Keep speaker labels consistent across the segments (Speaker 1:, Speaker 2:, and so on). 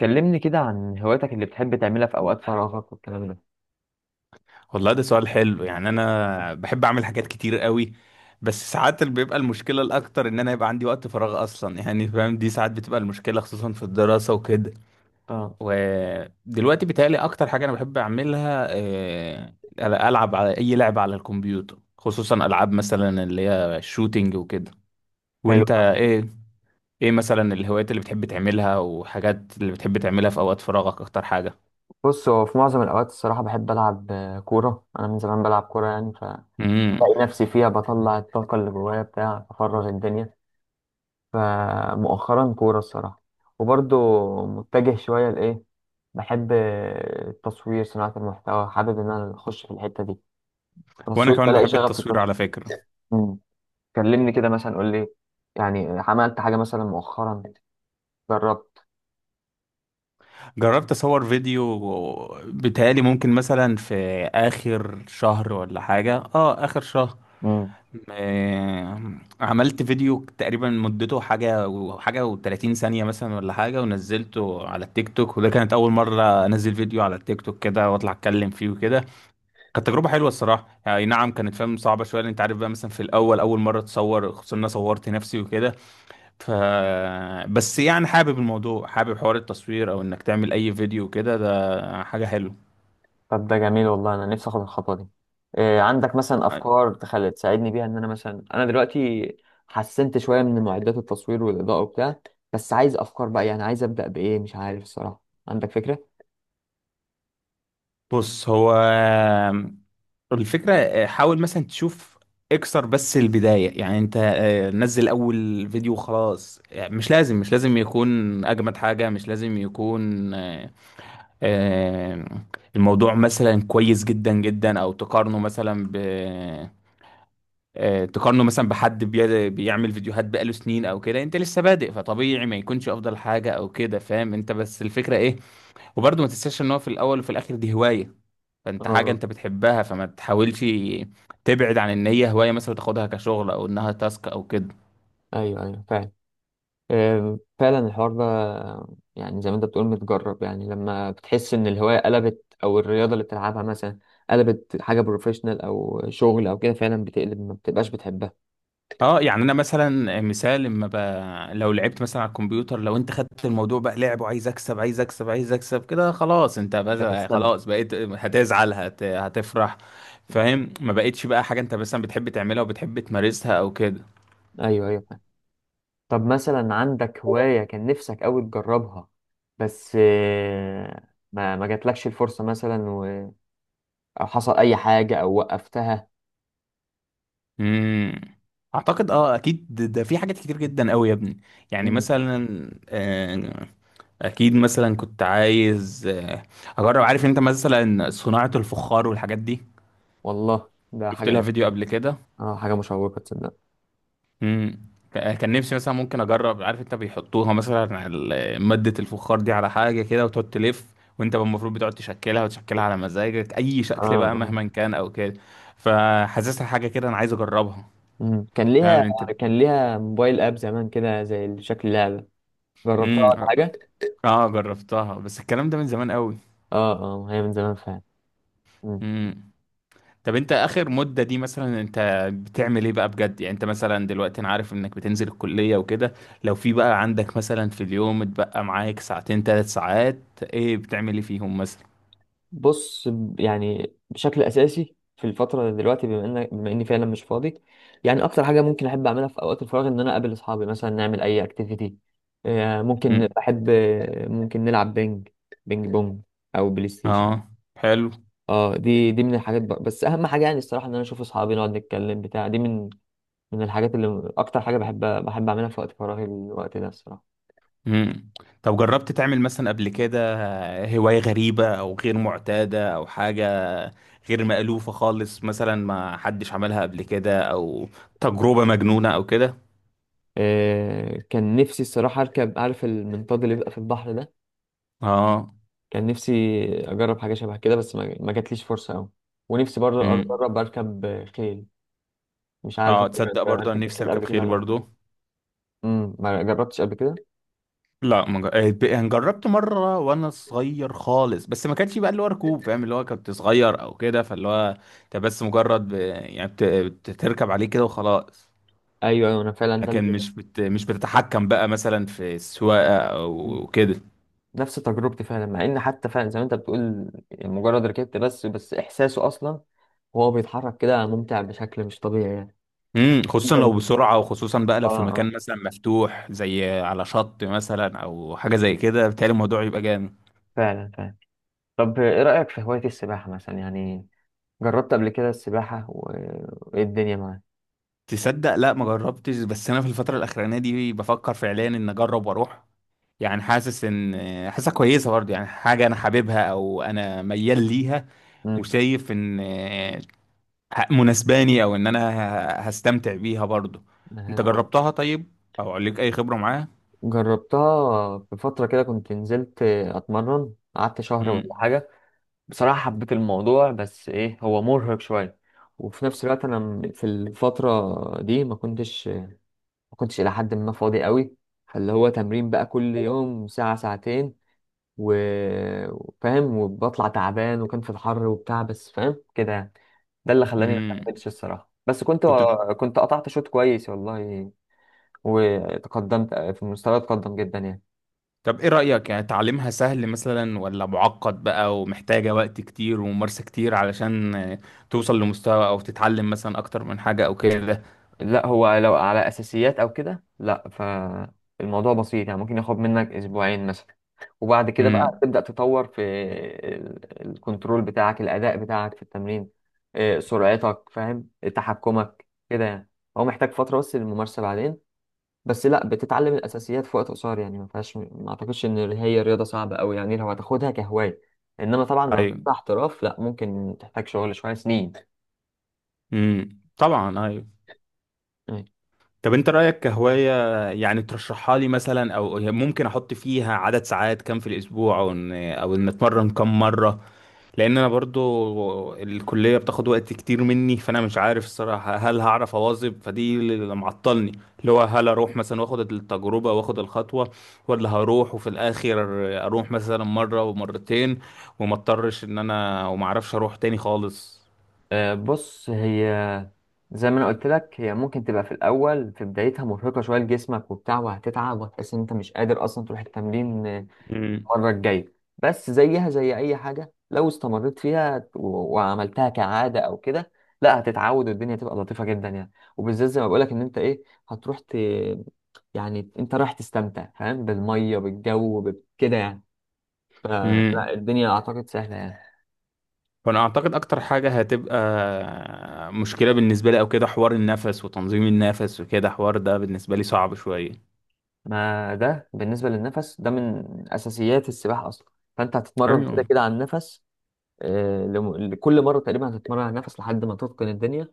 Speaker 1: كلمني كده عن هواياتك اللي بتحب تعملها في أوقات فراغك والكلام ده.
Speaker 2: والله ده سؤال حلو، يعني انا بحب اعمل حاجات كتير قوي. بس ساعات اللي بيبقى المشكله الاكتر ان انا يبقى عندي وقت فراغ اصلا، يعني فاهم، دي ساعات بتبقى المشكله، خصوصا في الدراسه وكده.
Speaker 1: اه،
Speaker 2: ودلوقتي بيتهيألي اكتر حاجه انا بحب اعملها العب على اي لعبه على الكمبيوتر، خصوصا العاب مثلا اللي هي الشوتينج وكده.
Speaker 1: حلو
Speaker 2: وانت
Speaker 1: أوي.
Speaker 2: ايه؟ ايه مثلا الهوايات اللي بتحب تعملها وحاجات اللي بتحب تعملها في اوقات فراغك اكتر حاجه؟
Speaker 1: بص، هو في معظم الأوقات الصراحة بحب ألعب كورة. أنا من زمان بلعب كورة يعني، فبلاقي
Speaker 2: امم.
Speaker 1: نفسي فيها بطلع الطاقة اللي جوايا بتاع أفرغ الدنيا. فمؤخرا كورة الصراحة. وبرضه متجه شوية لإيه، بحب التصوير، صناعة المحتوى. حابب إن أنا أخش في الحتة دي.
Speaker 2: وانا
Speaker 1: تصوير،
Speaker 2: كمان
Speaker 1: بلاقي
Speaker 2: بحب
Speaker 1: شغف في
Speaker 2: التصوير
Speaker 1: التصوير.
Speaker 2: على فكره.
Speaker 1: مم. كلمني كده مثلا، قول لي يعني عملت حاجة مثلا مؤخرا؟ جربت؟
Speaker 2: جربت اصور فيديو، بيتهيألي ممكن مثلا في اخر شهر ولا حاجة، اه اخر شهر. آه، عملت فيديو تقريبا مدته حاجة وحاجة و30 ثانية مثلا ولا حاجة، ونزلته على التيك توك، وده كانت أول مرة أنزل فيديو على التيك توك كده وأطلع أتكلم فيه وكده. كانت تجربة حلوة الصراحة، يعني نعم كانت، فاهم، صعبة شوية، لأن أنت عارف بقى مثلا في الأول أول مرة تصور، خصوصا إن أنا صورت نفسي وكده. ف بس يعني حابب الموضوع، حابب حوار التصوير او انك تعمل اي فيديو كده، ده حاجة حلوة.
Speaker 1: طب ده جميل، والله انا نفسي اخد الخطوه دي. إيه، عندك مثلا افكار تخلي تساعدني بيها؟ ان انا مثلا انا دلوقتي حسنت شويه من معدات التصوير والاضاءه وبتاع، بس عايز افكار بقى، يعني عايز ابدا بايه مش عارف الصراحه. عندك فكره؟
Speaker 2: بص هو الفكرة، حاول مثلا تشوف، اكسر بس البداية. يعني انت نزل اول فيديو خلاص، يعني مش لازم، يكون اجمد حاجة، مش لازم يكون آه، الموضوع مثلا كويس جدا جدا. او تقارنه مثلا ب تقارنه مثلا بحد بيعمل فيديوهات بقاله سنين او كده، انت لسه بادئ فطبيعي ما يكونش افضل حاجه او كده، فاهم انت بس الفكره ايه. وبرضه ما تنساش ان هو في الاول وفي الاخر دي هوايه، فانت حاجه
Speaker 1: اه.
Speaker 2: انت بتحبها، فما تحاولش تبعد عن ان هي هوايه مثلا وتاخدها كشغل او انها تاسك او كده.
Speaker 1: ايوه ايوه، فعلا. إيه، فعلا الحوار ده. يعني زي ما انت بتقول متجرب، يعني لما بتحس ان الهوايه قلبت او الرياضه اللي بتلعبها مثلا قلبت حاجه بروفيشنال او شغل او كده، فعلا بتقلب ما بتبقاش بتحبها.
Speaker 2: اه يعني انا مثلا مثال، لو لعبت مثلا على الكمبيوتر، لو انت خدت الموضوع بقى لعب وعايز اكسب عايز اكسب عايز اكسب كده خلاص، انت
Speaker 1: مش
Speaker 2: بس
Speaker 1: هتستمتع.
Speaker 2: خلاص بقيت هتزعل هتفرح، فاهم، ما بقتش بقى حاجة انت مثلا بتحب تعملها وبتحب تمارسها او كده.
Speaker 1: ايوه ايوه. طب مثلا عندك هواية كان نفسك أوي تجربها بس ما جاتلكش الفرصة مثلا أو حصل أي حاجة أو وقفتها؟
Speaker 2: امم. اعتقد، اه، اكيد، ده في حاجات كتير جدا قوي يا ابني. يعني
Speaker 1: مم.
Speaker 2: مثلا آه، اكيد مثلا كنت عايز اجرب، عارف انت مثلا صناعة الفخار والحاجات دي.
Speaker 1: والله ده
Speaker 2: شفت لها
Speaker 1: حاجة.
Speaker 2: فيديو قبل كده.
Speaker 1: اه، حاجة مشوقة تصدق.
Speaker 2: امم. كان نفسي مثلا ممكن اجرب، عارف انت بيحطوها مثلا على مادة الفخار دي على حاجة كده وتقعد تلف، وانت المفروض بتقعد تشكلها وتشكلها على مزاجك اي
Speaker 1: اه
Speaker 2: شكل بقى
Speaker 1: اه.
Speaker 2: مهما كان او كده. فحاسسها حاجة كده، انا عايز اجربها،
Speaker 1: مم.
Speaker 2: فاهم انت.
Speaker 1: كان ليها موبايل اب زمان كده زي شكل لعبة. جربتها
Speaker 2: امم.
Speaker 1: ولا حاجة؟
Speaker 2: اه جربتها بس الكلام ده من زمان قوي.
Speaker 1: اه اه، هي من زمان فعلا.
Speaker 2: امم. طب انت اخر مدة دي مثلا، انت بتعمل ايه بقى بجد؟ يعني انت مثلا دلوقتي، انا عارف انك بتنزل الكلية وكده، لو في بقى عندك مثلا في اليوم اتبقى معاك ساعتين ثلاث ساعات، ايه بتعمل ايه فيهم مثلا؟
Speaker 1: بص يعني بشكل اساسي في الفتره دلوقتي، بما اني فعلا مش فاضي. يعني اكتر حاجه ممكن احب اعملها في اوقات الفراغ ان انا اقابل اصحابي، مثلا نعمل اي اكتيفيتي. ممكن
Speaker 2: مم.
Speaker 1: بحب، ممكن نلعب بينج بونج، او بلاي ستيشن.
Speaker 2: اه. حلو.
Speaker 1: اه، دي من الحاجات بقى. بس اهم حاجه يعني الصراحه ان انا اشوف اصحابي، نقعد نتكلم بتاع. دي من الحاجات اللي اكتر حاجه بحب اعملها في وقت فراغي، الوقت ده الصراحه.
Speaker 2: مم. طب جربت تعمل مثلا قبل كده هواية غريبة او غير معتادة او حاجة غير مألوفة خالص، مثلا ما حدش عملها قبل كده، او تجربة مجنونة او كده؟
Speaker 1: كان نفسي الصراحه اركب، عارف، المنطاد اللي بيبقى في البحر ده.
Speaker 2: اه.
Speaker 1: كان نفسي اجرب حاجه شبه كده بس ما جاتليش فرصه قوي. ونفسي برضه
Speaker 2: مم.
Speaker 1: اجرب اركب خيل. مش عارف
Speaker 2: اه
Speaker 1: انت
Speaker 2: تصدق
Speaker 1: كنت
Speaker 2: برضو انا
Speaker 1: ركبت
Speaker 2: نفسي
Speaker 1: خيل
Speaker 2: اركب
Speaker 1: قبل كده
Speaker 2: خيل
Speaker 1: ولا لا؟
Speaker 2: برضو.
Speaker 1: ما جربتش قبل كده.
Speaker 2: لا، ما جر- آه، ب- يعني جربت مره وانا صغير خالص، بس ما كانش بقى اللي هو ركوب، فاهم، اللي هو كنت صغير او كده، فاللي هو انت بس مجرد بتركب عليه كده وخلاص،
Speaker 1: ايوه ايوه، انا فعلا ده
Speaker 2: لكن مش بتتحكم بقى مثلا في السواقه
Speaker 1: مم.
Speaker 2: او كده.
Speaker 1: نفس تجربتي فعلا، مع ان حتى فعلا زي ما انت بتقول يعني مجرد ركبت، بس احساسه اصلا وهو بيتحرك كده ممتع بشكل مش طبيعي يعني.
Speaker 2: امم. خصوصا
Speaker 1: انت مش
Speaker 2: لو
Speaker 1: بتحب.
Speaker 2: بسرعه، وخصوصا بقى
Speaker 1: اه
Speaker 2: لو في
Speaker 1: اه،
Speaker 2: مكان مثلا مفتوح زي على شط مثلا او حاجه زي كده، بتهيألي الموضوع يبقى جامد.
Speaker 1: فعلا فعلا. طب ايه رايك في هوايه السباحه مثلا يعني؟ جربت قبل كده السباحه وايه الدنيا معاك؟
Speaker 2: تصدق، لا ما جربتش، بس انا في الفتره الاخرانيه دي بفكر فعليا ان اجرب واروح. يعني حاسس ان، حاسسها كويسه برضه، يعني حاجه انا حاببها او انا ميال ليها، وشايف ان مناسباني او ان انا هستمتع بيها برضه. انت
Speaker 1: امم
Speaker 2: جربتها طيب؟ او ليك اي خبره معاها؟
Speaker 1: جربتها بفترة كده، كنت نزلت أتمرن قعدت شهر ولا
Speaker 2: امم.
Speaker 1: حاجة. بصراحة حبيت الموضوع بس إيه، هو مرهق شوية. وفي نفس الوقت أنا في الفترة دي ما كنتش إلى حد ما فاضي قوي. فاللي هو تمرين بقى كل يوم ساعة ساعتين، وفاهم وبطلع تعبان، وكان في الحر وبتاع، بس فاهم كده يعني. ده اللي خلاني ما
Speaker 2: امم.
Speaker 1: كملتش الصراحة، بس
Speaker 2: كنت ب-
Speaker 1: كنت قطعت شوط كويس والله. وتقدمت في المستوى اتقدم جدا يعني.
Speaker 2: طب ايه رايك؟ يعني تعليمها سهل مثلا ولا معقد بقى ومحتاجه وقت كتير وممارسه كتير علشان توصل لمستوى، او تتعلم مثلا اكتر من حاجه او كده؟
Speaker 1: لا هو، لو على اساسيات او كده، لا، فالموضوع بسيط يعني. ممكن ياخد منك اسبوعين مثلا، وبعد كده بقى
Speaker 2: امم.
Speaker 1: تبدا تطور في الكنترول بتاعك، الاداء بتاعك في التمرين، سرعتك، فاهم، تحكمك كده يعني. هو محتاج فتره بس للممارسه بعدين، بس لا بتتعلم الاساسيات في وقت قصير يعني، ما فيهاش، ما اعتقدش ان هي رياضه صعبه قوي يعني لو هتاخدها كهوايه. انما طبعا لو
Speaker 2: ايوه.
Speaker 1: هتاخدها احتراف لا، ممكن تحتاج شغل شويه سنين.
Speaker 2: امم، طبعا، ايوه. طب انت رأيك كهواية، يعني ترشحها لي مثلا؟ او ممكن احط فيها عدد ساعات كام في الاسبوع، او ان اتمرن كام مرة؟ لان انا برضو الكلية بتاخد وقت كتير مني، فانا مش عارف الصراحة هل هعرف اواظب، فدي اللي معطلني، اللي هو هل اروح مثلا واخد التجربة واخد الخطوة، ولا هروح وفي الاخر اروح مثلا مرة ومرتين، وما اضطرش ان انا، وما اعرفش اروح تاني خالص.
Speaker 1: بص هي، زي ما انا قلت لك، هي ممكن تبقى في الاول في بدايتها مرهقه شويه لجسمك وبتاع، وهتتعب وهتحس ان انت مش قادر اصلا تروح التمرين المره الجايه، بس زيها زي اي حاجه لو استمريت فيها وعملتها كعاده او كده، لا هتتعود، والدنيا تبقى لطيفه جدا يعني. وبالذات زي ما بقولك ان انت ايه، هتروح ت... يعني انت رايح تستمتع فاهم بالميه بالجو كده يعني.
Speaker 2: امم.
Speaker 1: فلا الدنيا اعتقد سهله يعني.
Speaker 2: فانا اعتقد اكتر حاجه هتبقى مشكله بالنسبه لي او كده، حوار النفس وتنظيم النفس وكده، حوار ده بالنسبه لي صعب شويه.
Speaker 1: ما ده بالنسبة للنفس ده من أساسيات السباحة أصلا، فأنت هتتمرن
Speaker 2: ايوه.
Speaker 1: كده كده على النفس. لكل مرة تقريبا هتتمرن على النفس لحد ما تتقن الدنيا.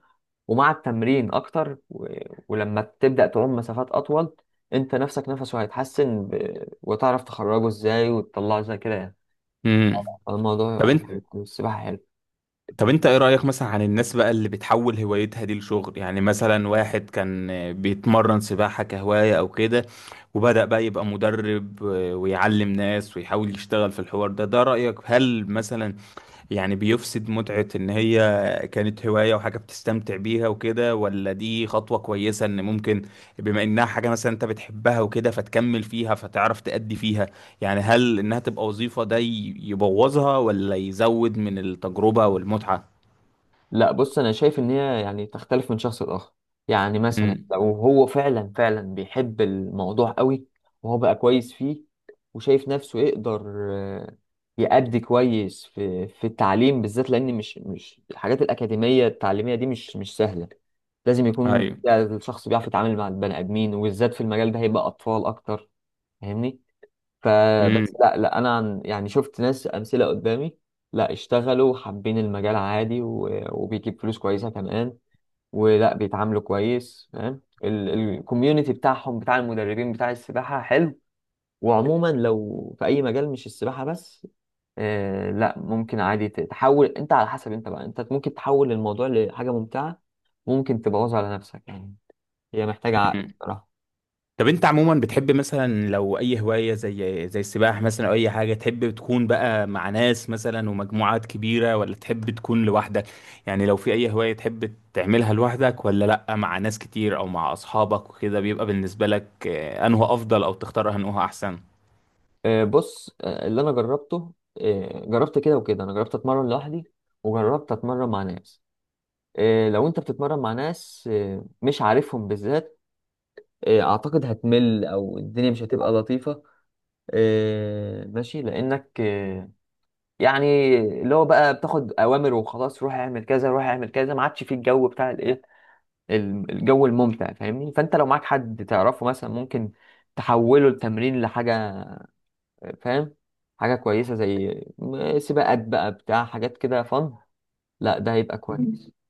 Speaker 1: ومع التمرين أكتر ولما تبدأ تعوم مسافات أطول، أنت نفسك نفسه هيتحسن وتعرف تخرجه إزاي وتطلعه إزاي كده يعني.
Speaker 2: امم. طب
Speaker 1: الموضوع
Speaker 2: انت
Speaker 1: حلو، السباحة حلوة.
Speaker 2: طب انت ايه رايك مثلا عن الناس بقى اللي بتحول هوايتها دي لشغل؟ يعني مثلا واحد كان بيتمرن سباحه كهوايه او كده، وبدا بقى يبقى مدرب ويعلم ناس ويحاول يشتغل في الحوار ده، ده رايك هل مثلا يعني بيفسد متعة ان هي كانت هواية وحاجة بتستمتع بيها وكده، ولا دي خطوة كويسة ان ممكن، بما انها حاجة مثلا انت بتحبها وكده فتكمل فيها فتعرف تأدي فيها. يعني هل انها تبقى وظيفة ده يبوظها ولا يزود من التجربة والمتعة؟
Speaker 1: لا، بص انا شايف ان هي يعني تختلف من شخص لاخر. يعني مثلا
Speaker 2: امم.
Speaker 1: لو هو فعلا فعلا بيحب الموضوع قوي، وهو بقى كويس فيه، وشايف نفسه يقدر، آه، يأدي كويس في التعليم، بالذات لان مش الحاجات الاكاديميه التعليميه دي مش سهله. لازم يكون
Speaker 2: ايوه.
Speaker 1: الشخص بيعرف يتعامل مع البني ادمين، وبالذات في المجال ده هيبقى اطفال اكتر، فاهمني؟
Speaker 2: امم.
Speaker 1: فبس لا لا، انا عن يعني شفت ناس امثله قدامي، لا اشتغلوا حابين المجال عادي وبيجيب فلوس كويسه كمان. ولا بيتعاملوا كويس فاهم، الكوميونتي بتاعهم بتاع المدربين بتاع السباحه حلو. وعموما لو في اي مجال مش السباحه بس، آه، لا ممكن عادي تحول. انت على حسب انت بقى، انت ممكن تحول الموضوع لحاجه ممتعه، ممكن تبوظها على نفسك يعني. هي محتاجه عقل صراحه.
Speaker 2: طب انت عموما بتحب مثلا لو اي هواية زي السباحة مثلا او اي حاجة، تحب تكون بقى مع ناس مثلا ومجموعات كبيرة، ولا تحب تكون لوحدك؟ يعني لو في اي هواية تحب تعملها لوحدك ولا لا مع ناس كتير او مع اصحابك وكده، بيبقى بالنسبة لك انه افضل او تختار انه احسن؟
Speaker 1: بص اللي انا جربته، جربت كده وكده. انا جربت اتمرن لوحدي وجربت اتمرن مع ناس. لو انت بتتمرن مع ناس مش عارفهم بالذات، اعتقد هتمل او الدنيا مش هتبقى لطيفة. ماشي، لانك يعني، اللي هو بقى بتاخد اوامر وخلاص، روح اعمل كذا روح اعمل كذا، ما عادش فيه الجو بتاع الايه، الجو الممتع، فاهمني؟ فانت لو معاك حد تعرفه مثلا، ممكن تحوله التمرين لحاجة، فاهم، حاجة كويسة زي سباقات بقى بتاع حاجات كده فن. لا، ده هيبقى كويس.